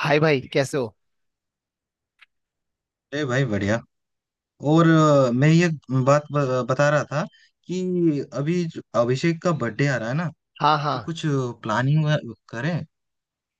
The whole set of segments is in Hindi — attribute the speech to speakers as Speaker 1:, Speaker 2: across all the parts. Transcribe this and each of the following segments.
Speaker 1: हाय भाई, कैसे हो?
Speaker 2: अरे भाई बढ़िया। और मैं ये बात बता रहा था कि अभी जो अभिषेक का बर्थडे आ रहा है ना,
Speaker 1: हाँ, हाँ।
Speaker 2: तो कुछ प्लानिंग करें।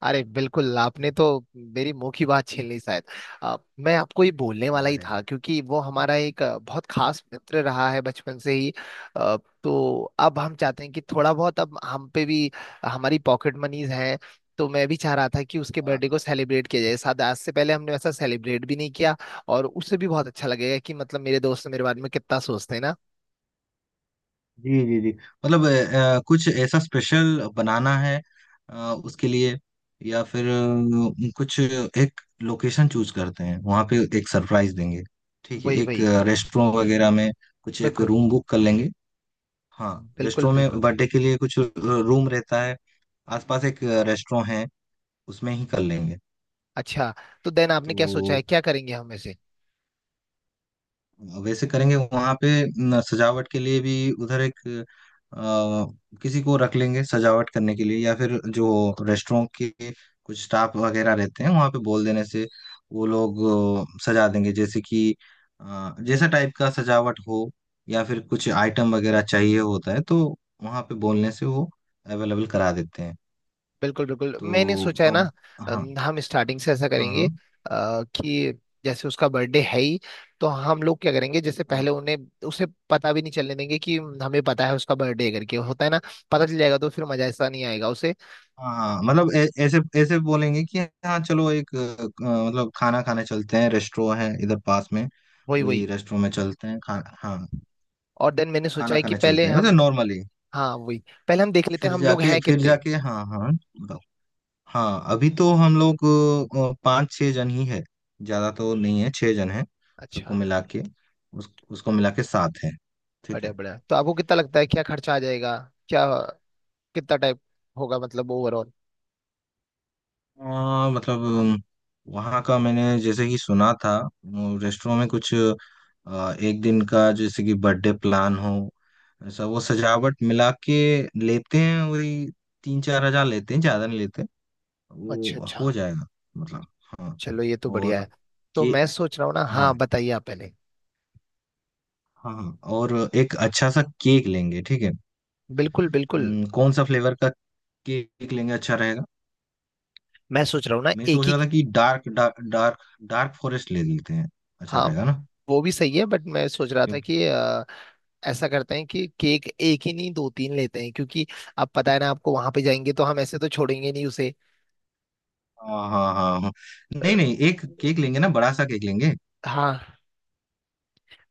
Speaker 1: अरे बिल्कुल, आपने तो मेरी मुंह की बात छीन ली शायद। मैं आपको ये बोलने वाला ही
Speaker 2: अरे
Speaker 1: था क्योंकि वो हमारा एक बहुत खास मित्र रहा है बचपन से ही। अ, तो अब हम चाहते हैं कि थोड़ा बहुत अब हम पे भी हमारी पॉकेट मनीज हैं। तो मैं भी चाह रहा था कि उसके
Speaker 2: वाह।
Speaker 1: बर्थडे को सेलिब्रेट किया जाए, शायद आज से पहले हमने वैसा सेलिब्रेट भी नहीं किया। और उससे भी बहुत अच्छा लगेगा कि मतलब मेरे दोस्त मेरे बारे में कितना सोचते हैं ना।
Speaker 2: जी जी जी। मतलब कुछ ऐसा स्पेशल बनाना है अ, उसके लिए। या फिर कुछ एक लोकेशन चूज करते हैं वहां पे एक सरप्राइज देंगे। ठीक है,
Speaker 1: वही,
Speaker 2: एक
Speaker 1: वही।
Speaker 2: रेस्टोरेंट वगैरह में कुछ एक
Speaker 1: बिल्कुल,
Speaker 2: रूम बुक कर लेंगे। हाँ।
Speaker 1: बिल्कुल,
Speaker 2: रेस्टोरेंट में
Speaker 1: बिल्कुल।
Speaker 2: बर्थडे के लिए कुछ रूम रहता है, आसपास एक रेस्टोरेंट है, उसमें ही कर लेंगे।
Speaker 1: अच्छा, तो देन आपने
Speaker 2: तो
Speaker 1: क्या सोचा है, क्या करेंगे हम ऐसे?
Speaker 2: वैसे करेंगे वहां पे। न, सजावट के लिए भी उधर एक अ, किसी को रख लेंगे सजावट करने के लिए, या फिर जो रेस्टोरेंट के कुछ स्टाफ वगैरह रहते हैं वहां पे बोल देने से, वो लोग सजा देंगे। जैसे कि जैसा टाइप का सजावट हो, या फिर कुछ आइटम वगैरह चाहिए होता है तो वहां पे बोलने से वो अवेलेबल करा देते हैं।
Speaker 1: बिल्कुल, बिल्कुल, मैंने
Speaker 2: तो
Speaker 1: सोचा है ना।
Speaker 2: अब। हाँ
Speaker 1: हम स्टार्टिंग से ऐसा
Speaker 2: हाँ
Speaker 1: करेंगे
Speaker 2: हाँ
Speaker 1: कि जैसे उसका बर्थडे है ही, तो हम लोग क्या करेंगे, जैसे
Speaker 2: हाँ।
Speaker 1: पहले उन्हें, उसे पता भी नहीं चलने देंगे कि हमें पता है उसका बर्थडे करके होता है ना। पता चल जाएगा तो फिर मजा ऐसा नहीं आएगा उसे।
Speaker 2: हाँ हाँ, मतलब ऐसे ऐसे बोलेंगे कि हाँ, चलो एक, मतलब खाना खाने चलते हैं, रेस्टोरेंट है इधर पास में।
Speaker 1: वही,
Speaker 2: वही
Speaker 1: वही।
Speaker 2: रेस्टोरेंट में चलते हैं, हाँ,
Speaker 1: और देन मैंने सोचा
Speaker 2: खाना
Speaker 1: है कि
Speaker 2: खाने
Speaker 1: पहले
Speaker 2: चलते हैं, वैसे
Speaker 1: हम,
Speaker 2: नॉर्मली।
Speaker 1: हाँ, वही। पहले हम देख लेते हैं हम लोग हैं
Speaker 2: फिर
Speaker 1: कितने।
Speaker 2: जाके हाँ हाँ, बताओ। हाँ, अभी तो हम लोग पाँच छः जन ही है, ज्यादा तो नहीं है, छः जन है, सबको
Speaker 1: अच्छा,
Speaker 2: मिला के उसको मिला के सात है, ठीक
Speaker 1: बढ़िया,
Speaker 2: है।
Speaker 1: बढ़िया, तो आपको कितना लगता है क्या खर्चा आ जाएगा? क्या, कितना टाइप होगा मतलब ओवरऑल?
Speaker 2: मतलब वहाँ का मैंने जैसे कि सुना था, रेस्टोरेंट में कुछ एक दिन का जैसे कि बर्थडे प्लान हो ऐसा, वो सजावट मिला के लेते हैं वही 3-4 हजार, लेते हैं ज्यादा नहीं लेते।
Speaker 1: अच्छा,
Speaker 2: वो
Speaker 1: अच्छा,
Speaker 2: हो जाएगा। मतलब। हाँ।
Speaker 1: चलो ये तो बढ़िया
Speaker 2: और
Speaker 1: है। तो
Speaker 2: के।
Speaker 1: मैं सोच रहा हूँ ना, हाँ,
Speaker 2: हाँ।
Speaker 1: बताइए आप पहले।
Speaker 2: हाँ हाँ, और एक अच्छा सा केक लेंगे, ठीक है।
Speaker 1: बिल्कुल, बिल्कुल।
Speaker 2: कौन सा फ्लेवर का केक लेंगे अच्छा रहेगा?
Speaker 1: मैं सोच रहा हूँ ना,
Speaker 2: मैं
Speaker 1: एक
Speaker 2: सोच
Speaker 1: ही।
Speaker 2: रहा था कि dark dark dark dark forest ले लेते हैं, अच्छा
Speaker 1: हाँ,
Speaker 2: रहेगा ना।
Speaker 1: वो भी सही है बट मैं सोच रहा था कि ऐसा करते हैं कि केक एक ही नहीं, दो तीन लेते हैं क्योंकि अब पता है ना आपको, वहां पे जाएंगे तो हम ऐसे तो छोड़ेंगे नहीं उसे।
Speaker 2: हाँ हाँ हाँ हाँ।
Speaker 1: अ,
Speaker 2: नहीं नहीं, एक केक लेंगे ना, बड़ा सा केक लेंगे।
Speaker 1: हाँ,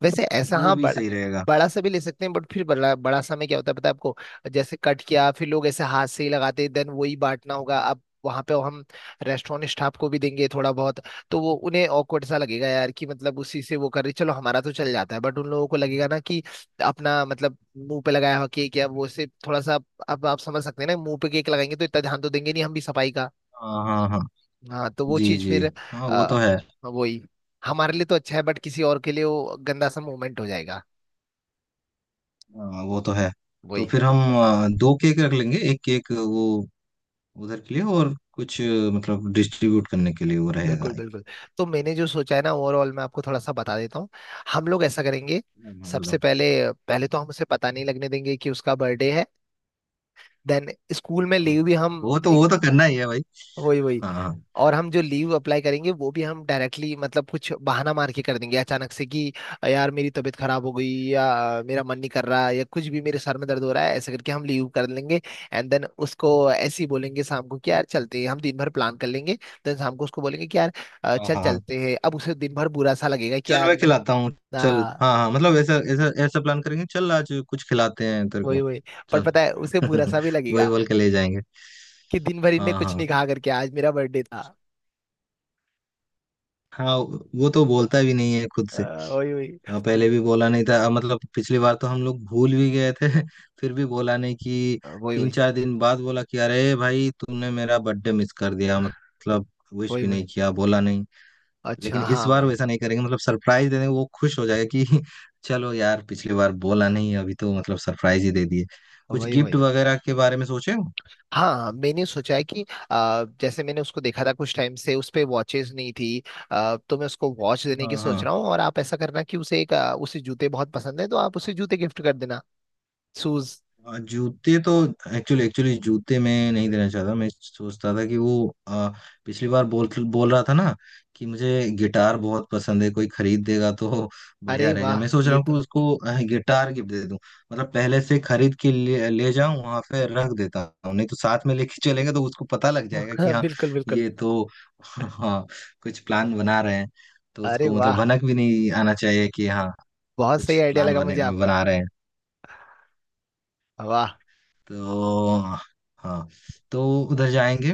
Speaker 1: वैसे ऐसा,
Speaker 2: वो
Speaker 1: हाँ,
Speaker 2: भी
Speaker 1: बड़ा।
Speaker 2: सही रहेगा।
Speaker 1: बड़ा सा भी ले सकते हैं बट फिर बड़ा बड़ा सा में क्या होता है पता है आपको? जैसे कट किया, फिर लोग ऐसे हाथ से ही लगाते हैं, देन वही बांटना होगा। अब वहां पे हम रेस्टोरेंट स्टाफ को भी देंगे थोड़ा बहुत, तो वो उन्हें ऑकवर्ड सा लगेगा यार, कि मतलब उसी से वो कर रही, चलो हमारा तो चल जाता है बट उन लोगों को लगेगा ना कि अपना मतलब मुंह पे लगाया हुआ केक या वो से, थोड़ा सा अब आप समझ सकते हैं ना, मुंह पे केक लगाएंगे तो इतना ध्यान तो देंगे नहीं हम भी सफाई का।
Speaker 2: हाँ हाँ हाँ।
Speaker 1: हाँ, तो वो
Speaker 2: जी
Speaker 1: चीज
Speaker 2: जी।
Speaker 1: फिर,
Speaker 2: हाँ वो
Speaker 1: आ,
Speaker 2: तो है।
Speaker 1: वही, हमारे लिए तो अच्छा है बट किसी और के लिए वो गंदा सा मोमेंट हो जाएगा।
Speaker 2: हाँ वो तो है। तो
Speaker 1: वही,
Speaker 2: फिर हम दो केक रख लेंगे, एक केक वो उधर के लिए और कुछ मतलब डिस्ट्रीब्यूट करने के लिए वो रहेगा
Speaker 1: बिल्कुल,
Speaker 2: एक।
Speaker 1: बिल्कुल। तो मैंने जो सोचा है ना ओवरऑल, मैं आपको थोड़ा सा बता देता हूँ। हम लोग ऐसा करेंगे
Speaker 2: हाँ हाँ,
Speaker 1: सबसे
Speaker 2: बताओ।
Speaker 1: पहले। पहले तो हम उसे पता नहीं लगने देंगे कि उसका बर्थडे है। देन स्कूल
Speaker 2: हाँ
Speaker 1: में
Speaker 2: हाँ। हाँ।
Speaker 1: लीव भी हम,
Speaker 2: वो तो करना ही है भाई।
Speaker 1: वही, वही,
Speaker 2: हाँ हाँ
Speaker 1: और हम जो लीव अप्लाई करेंगे वो भी हम डायरेक्टली मतलब कुछ बहाना मार के कर देंगे अचानक से कि यार मेरी तबीयत खराब हो गई, या मेरा मन नहीं कर रहा, या कुछ भी, मेरे सर में दर्द हो रहा है, ऐसे करके हम लीव कर लेंगे। एंड देन उसको ऐसे ही बोलेंगे शाम को कि यार चलते हैं, हम दिन भर प्लान कर लेंगे। देन शाम को उसको बोलेंगे कि यार
Speaker 2: हाँ
Speaker 1: चल
Speaker 2: हाँ हाँ।
Speaker 1: चलते हैं, अब उसे दिन भर बुरा सा लगेगा कि
Speaker 2: चल,
Speaker 1: यार
Speaker 2: मैं खिलाता हूँ। चल,
Speaker 1: ना।
Speaker 2: हाँ हाँ, मतलब ऐसा ऐसा ऐसा प्लान करेंगे, चल आज कुछ खिलाते हैं तेरे
Speaker 1: वही,
Speaker 2: को,
Speaker 1: वही। पर
Speaker 2: चल।
Speaker 1: पता है उसे बुरा सा भी
Speaker 2: वही
Speaker 1: लगेगा
Speaker 2: बोल के ले जाएंगे।
Speaker 1: कि दिन भर इनने
Speaker 2: हाँ
Speaker 1: कुछ
Speaker 2: हाँ
Speaker 1: नहीं कहा करके, आज मेरा बर्थडे था।
Speaker 2: हाँ, वो तो बोलता भी नहीं है खुद
Speaker 1: अ,
Speaker 2: से।
Speaker 1: वही, वही,
Speaker 2: हाँ, पहले भी बोला नहीं था, मतलब पिछली बार तो हम लोग भूल भी गए थे फिर भी बोला नहीं कि
Speaker 1: वही,
Speaker 2: तीन
Speaker 1: वही,
Speaker 2: चार दिन बाद बोला कि अरे भाई, तुमने मेरा बर्थडे मिस कर दिया, मतलब विश
Speaker 1: वही,
Speaker 2: भी नहीं
Speaker 1: वही,
Speaker 2: किया, बोला नहीं।
Speaker 1: अच्छा,
Speaker 2: लेकिन इस
Speaker 1: हाँ,
Speaker 2: बार
Speaker 1: वही,
Speaker 2: वैसा नहीं करेंगे, मतलब सरप्राइज दे देंगे, वो खुश हो जाएगा कि चलो यार, पिछली बार बोला नहीं, अभी तो मतलब सरप्राइज ही दे दिए। कुछ
Speaker 1: वही,
Speaker 2: गिफ्ट
Speaker 1: वही।
Speaker 2: वगैरह के बारे में सोचे हो?
Speaker 1: हाँ, हाँ, मैंने सोचा है कि जैसे मैंने उसको देखा था कुछ टाइम से उस पे वॉचेज नहीं थी। तो मैं उसको वॉच देने की
Speaker 2: हाँ
Speaker 1: सोच रहा
Speaker 2: हाँ।
Speaker 1: हूँ, और आप ऐसा करना कि उसे जूते बहुत पसंद है तो आप उसे जूते गिफ्ट कर देना, शूज।
Speaker 2: जूते तो, एक्चुअली एक्चुअली जूते मैं नहीं देना चाहता, मैं सोचता था कि वो, पिछली बार बोल बोल रहा था ना कि मुझे गिटार बहुत पसंद है, कोई खरीद देगा तो बढ़िया
Speaker 1: अरे
Speaker 2: रहेगा।
Speaker 1: वाह,
Speaker 2: मैं सोच रहा
Speaker 1: ये
Speaker 2: हूँ कि
Speaker 1: तो
Speaker 2: उसको गिटार गिफ्ट दे दूं, मतलब पहले से खरीद के ले जाऊं वहां पे रख देता हूँ, नहीं तो साथ में लेके चलेंगे तो उसको पता लग जाएगा कि हाँ,
Speaker 1: बिल्कुल, बिल्कुल।
Speaker 2: ये तो हाँ, कुछ प्लान बना रहे हैं तो
Speaker 1: अरे
Speaker 2: उसको मतलब
Speaker 1: वाह,
Speaker 2: भनक भी नहीं आना चाहिए कि हाँ,
Speaker 1: बहुत
Speaker 2: कुछ
Speaker 1: सही आइडिया
Speaker 2: प्लान
Speaker 1: लगा
Speaker 2: बने
Speaker 1: मुझे आपका।
Speaker 2: बना रहे हैं।
Speaker 1: वाह,
Speaker 2: तो हाँ, तो उधर जाएंगे,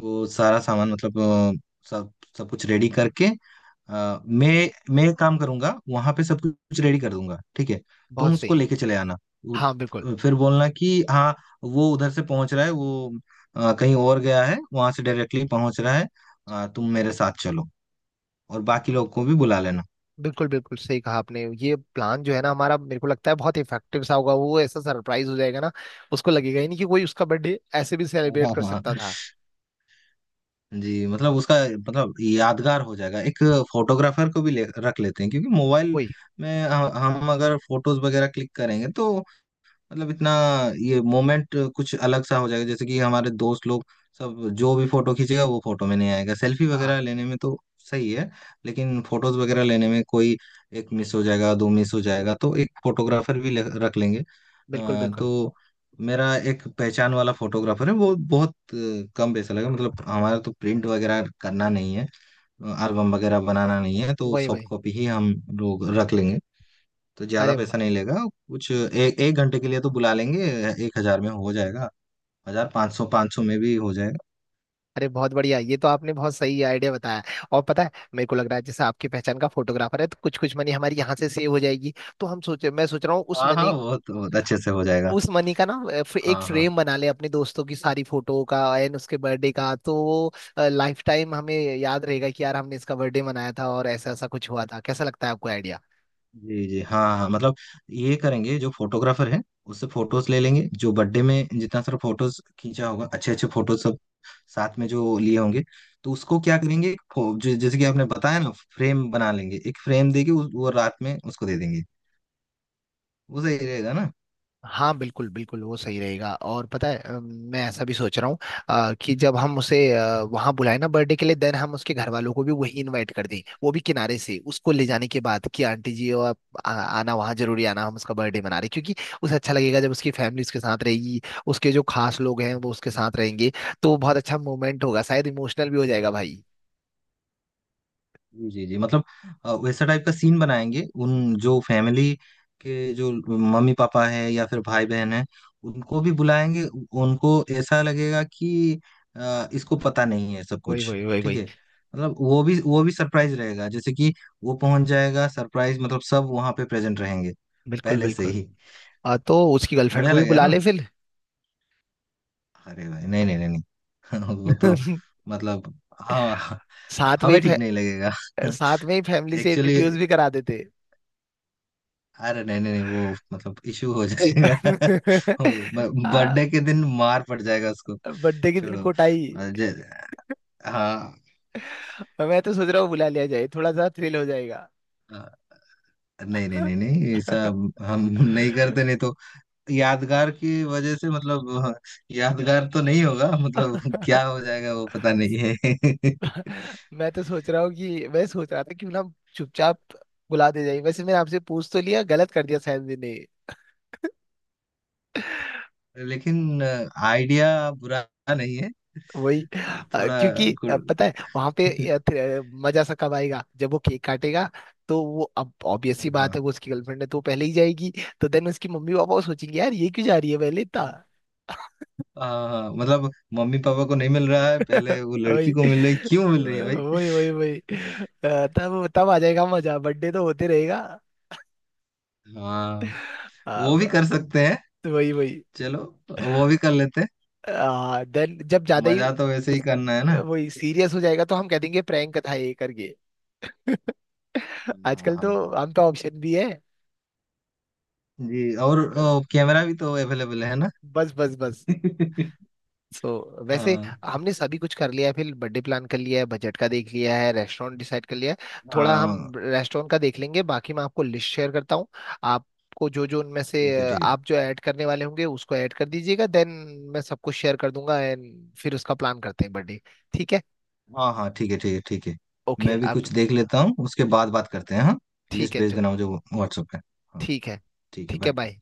Speaker 2: वो सारा सामान मतलब सब सब कुछ रेडी करके, मैं एक काम करूंगा, वहां पे सब कुछ रेडी कर दूंगा, ठीक है। तुम
Speaker 1: बहुत
Speaker 2: उसको
Speaker 1: सही।
Speaker 2: लेके चले आना,
Speaker 1: हाँ, बिल्कुल,
Speaker 2: फिर बोलना कि हाँ, वो उधर से पहुंच रहा है, वो कहीं और गया है, वहां से डायरेक्टली पहुंच रहा है। तुम मेरे साथ चलो और बाकी लोग को भी बुला लेना।
Speaker 1: बिल्कुल, बिल्कुल सही कहा आपने, ये प्लान जो है ना हमारा, मेरे को लगता है बहुत इफेक्टिव सा होगा। वो ऐसा सरप्राइज हो जाएगा ना, उसको लगेगा ही नहीं कि कोई उसका बर्थडे ऐसे भी सेलिब्रेट
Speaker 2: हाँ
Speaker 1: कर
Speaker 2: हाँ,
Speaker 1: सकता था।
Speaker 2: जी मतलब उसका, मतलब यादगार हो जाएगा एक। फोटोग्राफर को भी रख लेते हैं, क्योंकि मोबाइल
Speaker 1: वही,
Speaker 2: में हम अगर फोटोज वगैरह क्लिक करेंगे तो, मतलब इतना, ये मोमेंट कुछ अलग सा हो जाएगा। जैसे कि हमारे दोस्त लोग सब जो भी फोटो खींचेगा वो फोटो में नहीं आएगा, सेल्फी वगैरह
Speaker 1: हाँ,
Speaker 2: लेने में तो सही है, लेकिन फोटोज वगैरह लेने में कोई एक मिस हो जाएगा, दो मिस हो जाएगा, तो एक फोटोग्राफर भी रख लेंगे।
Speaker 1: बिल्कुल, बिल्कुल,
Speaker 2: तो मेरा एक पहचान वाला फोटोग्राफर है, वो बहुत कम पैसा लगेगा, मतलब हमारा तो प्रिंट वगैरह करना नहीं है, एल्बम वगैरह बनाना नहीं है, तो
Speaker 1: वही,
Speaker 2: सॉफ्ट
Speaker 1: वही,
Speaker 2: कॉपी ही हम लोग रख लेंगे, तो ज्यादा
Speaker 1: अरे वाह,
Speaker 2: पैसा नहीं लेगा। कुछ एक एक घंटे के लिए तो बुला लेंगे, 1 हजार में हो जाएगा, 1,500 500 में भी हो जाएगा।
Speaker 1: अरे बहुत बढ़िया, ये तो आपने बहुत सही आइडिया बताया। और पता है, मेरे को लग रहा है जैसे आपकी पहचान का फोटोग्राफर है तो कुछ कुछ मनी हमारी यहाँ से सेव हो जाएगी। तो हम सोचे, मैं सोच रहा हूँ उस
Speaker 2: हाँ
Speaker 1: मनी
Speaker 2: हाँ, बहुत बहुत अच्छे से हो जाएगा।
Speaker 1: उस मनी का ना, एक
Speaker 2: हाँ हाँ।
Speaker 1: फ्रेम बना ले अपने दोस्तों की सारी फोटो का, एंड उसके बर्थडे का, तो वो लाइफ टाइम हमें याद रहेगा कि यार हमने इसका बर्थडे मनाया था और ऐसा ऐसा कुछ हुआ था। कैसा लगता है आपको आइडिया?
Speaker 2: जी जी। हाँ हाँ, मतलब ये करेंगे, जो फोटोग्राफर है उससे फोटोज ले लेंगे, जो बर्थडे में जितना सारा फोटोज खींचा होगा, अच्छे अच्छे फोटोज सब साथ में जो लिए होंगे, तो उसको क्या करेंगे एक जैसे कि आपने बताया ना, फ्रेम बना लेंगे, एक फ्रेम देके वो रात में उसको दे देंगे, वो सही रहेगा ना।
Speaker 1: हाँ, बिल्कुल, बिल्कुल, वो सही रहेगा। और पता है, मैं ऐसा भी सोच रहा हूँ, कि जब हम उसे वहाँ बुलाए ना बर्थडे के लिए, देन हम उसके घर वालों को भी वही इनवाइट कर दें, वो भी किनारे से उसको ले जाने के बाद कि आंटी जी और आप आना, वहाँ जरूरी आना, हम उसका बर्थडे मना रहे हैं। क्योंकि उसे अच्छा लगेगा जब उसकी फैमिली उसके साथ रहेगी, उसके जो खास लोग हैं वो उसके साथ रहेंगे, तो बहुत अच्छा मोमेंट होगा, शायद इमोशनल भी हो जाएगा भाई।
Speaker 2: जी जी मतलब वैसा टाइप का सीन बनाएंगे, उन जो फैमिली के जो मम्मी पापा है या फिर भाई बहन है, उनको भी बुलाएंगे। उनको ऐसा लगेगा कि इसको पता नहीं है सब
Speaker 1: वही,
Speaker 2: कुछ,
Speaker 1: वही, वही,
Speaker 2: ठीक
Speaker 1: वही,
Speaker 2: है। मतलब वो भी सरप्राइज रहेगा, जैसे कि वो पहुंच जाएगा सरप्राइज, मतलब सब वहां पे प्रेजेंट रहेंगे
Speaker 1: बिल्कुल,
Speaker 2: पहले से
Speaker 1: बिल्कुल।
Speaker 2: ही,
Speaker 1: तो उसकी गर्लफ्रेंड
Speaker 2: बढ़िया
Speaker 1: को भी
Speaker 2: लगेगा
Speaker 1: बुला
Speaker 2: ना।
Speaker 1: ले फिर।
Speaker 2: अरे भाई नहीं नहीं नहीं नहीं वो तो मतलब, हाँ,
Speaker 1: साथ में
Speaker 2: हमें
Speaker 1: ही,
Speaker 2: ठीक नहीं लगेगा।
Speaker 1: साथ में ही फैमिली से
Speaker 2: एक्चुअली,
Speaker 1: इंट्रोड्यूस भी करा देते।
Speaker 2: अरे नहीं नहीं नहीं, वो मतलब इशू हो जाएगा।
Speaker 1: आ,
Speaker 2: बर्थडे के दिन मार पड़ जाएगा उसको,
Speaker 1: बर्थडे के दिन
Speaker 2: छोड़ो।
Speaker 1: कोटाई।
Speaker 2: अ, जे- हाँ,
Speaker 1: और मैं तो सोच रहा हूँ बुला लिया जाए, थोड़ा सा थ्रिल हो जाएगा।
Speaker 2: अ, नहीं नहीं नहीं नहीं, ऐसा हम नहीं करते नहीं तो, यादगार की वजह से मतलब यादगार तो नहीं होगा, मतलब क्या हो जाएगा वो पता नहीं है।
Speaker 1: मैं तो सोच रहा हूँ कि, मैं सोच रहा था क्यों ना चुपचाप बुला दे जाए। वैसे मैंने आपसे पूछ तो लिया, गलत कर दिया शायद मैंने।
Speaker 2: लेकिन आइडिया बुरा नहीं है,
Speaker 1: वही,
Speaker 2: थोड़ा
Speaker 1: क्योंकि
Speaker 2: गुड।
Speaker 1: पता है वहां पे, मजा सा कब आएगा जब वो केक काटेगा? तो वो अब ऑब्वियस सी बात
Speaker 2: हाँ
Speaker 1: है, वो उसकी गर्लफ्रेंड है तो वो पहले ही जाएगी। तो देन उसकी मम्मी पापा वो सोचेंगे यार ये क्यों जा रही है पहले इतना?
Speaker 2: हाँ हाँ, मतलब मम्मी पापा को नहीं मिल रहा है पहले, वो
Speaker 1: वही,
Speaker 2: लड़की को मिल रही, क्यों मिल रही है भाई।
Speaker 1: वही, वही, वही, तब तब आ जाएगा मजा, बर्थडे तो होते रहेगा।
Speaker 2: हाँ,
Speaker 1: अ,
Speaker 2: वो
Speaker 1: ब-
Speaker 2: भी कर सकते हैं।
Speaker 1: वही, वही,
Speaker 2: चलो, वो भी कर लेते हैं,
Speaker 1: देन जब ज्यादा ही,
Speaker 2: मजा तो वैसे ही करना है ना।
Speaker 1: वही, सीरियस हो जाएगा तो हम कह देंगे प्रैंक था ये करके।
Speaker 2: हाँ
Speaker 1: आजकल तो
Speaker 2: हाँ हाँ।
Speaker 1: हम पे ऑप्शन भी है।
Speaker 2: जी, और कैमरा भी तो अवेलेबल है ना।
Speaker 1: बस, बस, बस। सो so, वैसे
Speaker 2: हाँ
Speaker 1: हमने सभी कुछ कर लिया है, फिर बर्थडे प्लान कर लिया है, बजट का देख लिया है, रेस्टोरेंट डिसाइड कर लिया है। थोड़ा हम
Speaker 2: हाँ,
Speaker 1: रेस्टोरेंट का देख लेंगे, बाकी मैं आपको लिस्ट शेयर करता हूँ। आपको जो जो उनमें से,
Speaker 2: ठीक है ठीक है।
Speaker 1: आप जो ऐड करने वाले होंगे उसको ऐड कर दीजिएगा, देन मैं सबको शेयर कर दूंगा, एंड फिर उसका प्लान करते हैं बर्थडे। ठीक है?
Speaker 2: हाँ हाँ, ठीक है ठीक है ठीक है।
Speaker 1: ओके।
Speaker 2: मैं भी
Speaker 1: अब
Speaker 2: कुछ देख लेता हूँ उसके बाद बात करते हैं, हाँ।
Speaker 1: ठीक
Speaker 2: लिस्ट
Speaker 1: है,
Speaker 2: भेज
Speaker 1: चलो।
Speaker 2: देना मुझे व्हाट्सएप पे। हाँ,
Speaker 1: ठीक है,
Speaker 2: ठीक है,
Speaker 1: ठीक है,
Speaker 2: बाय।
Speaker 1: बाय।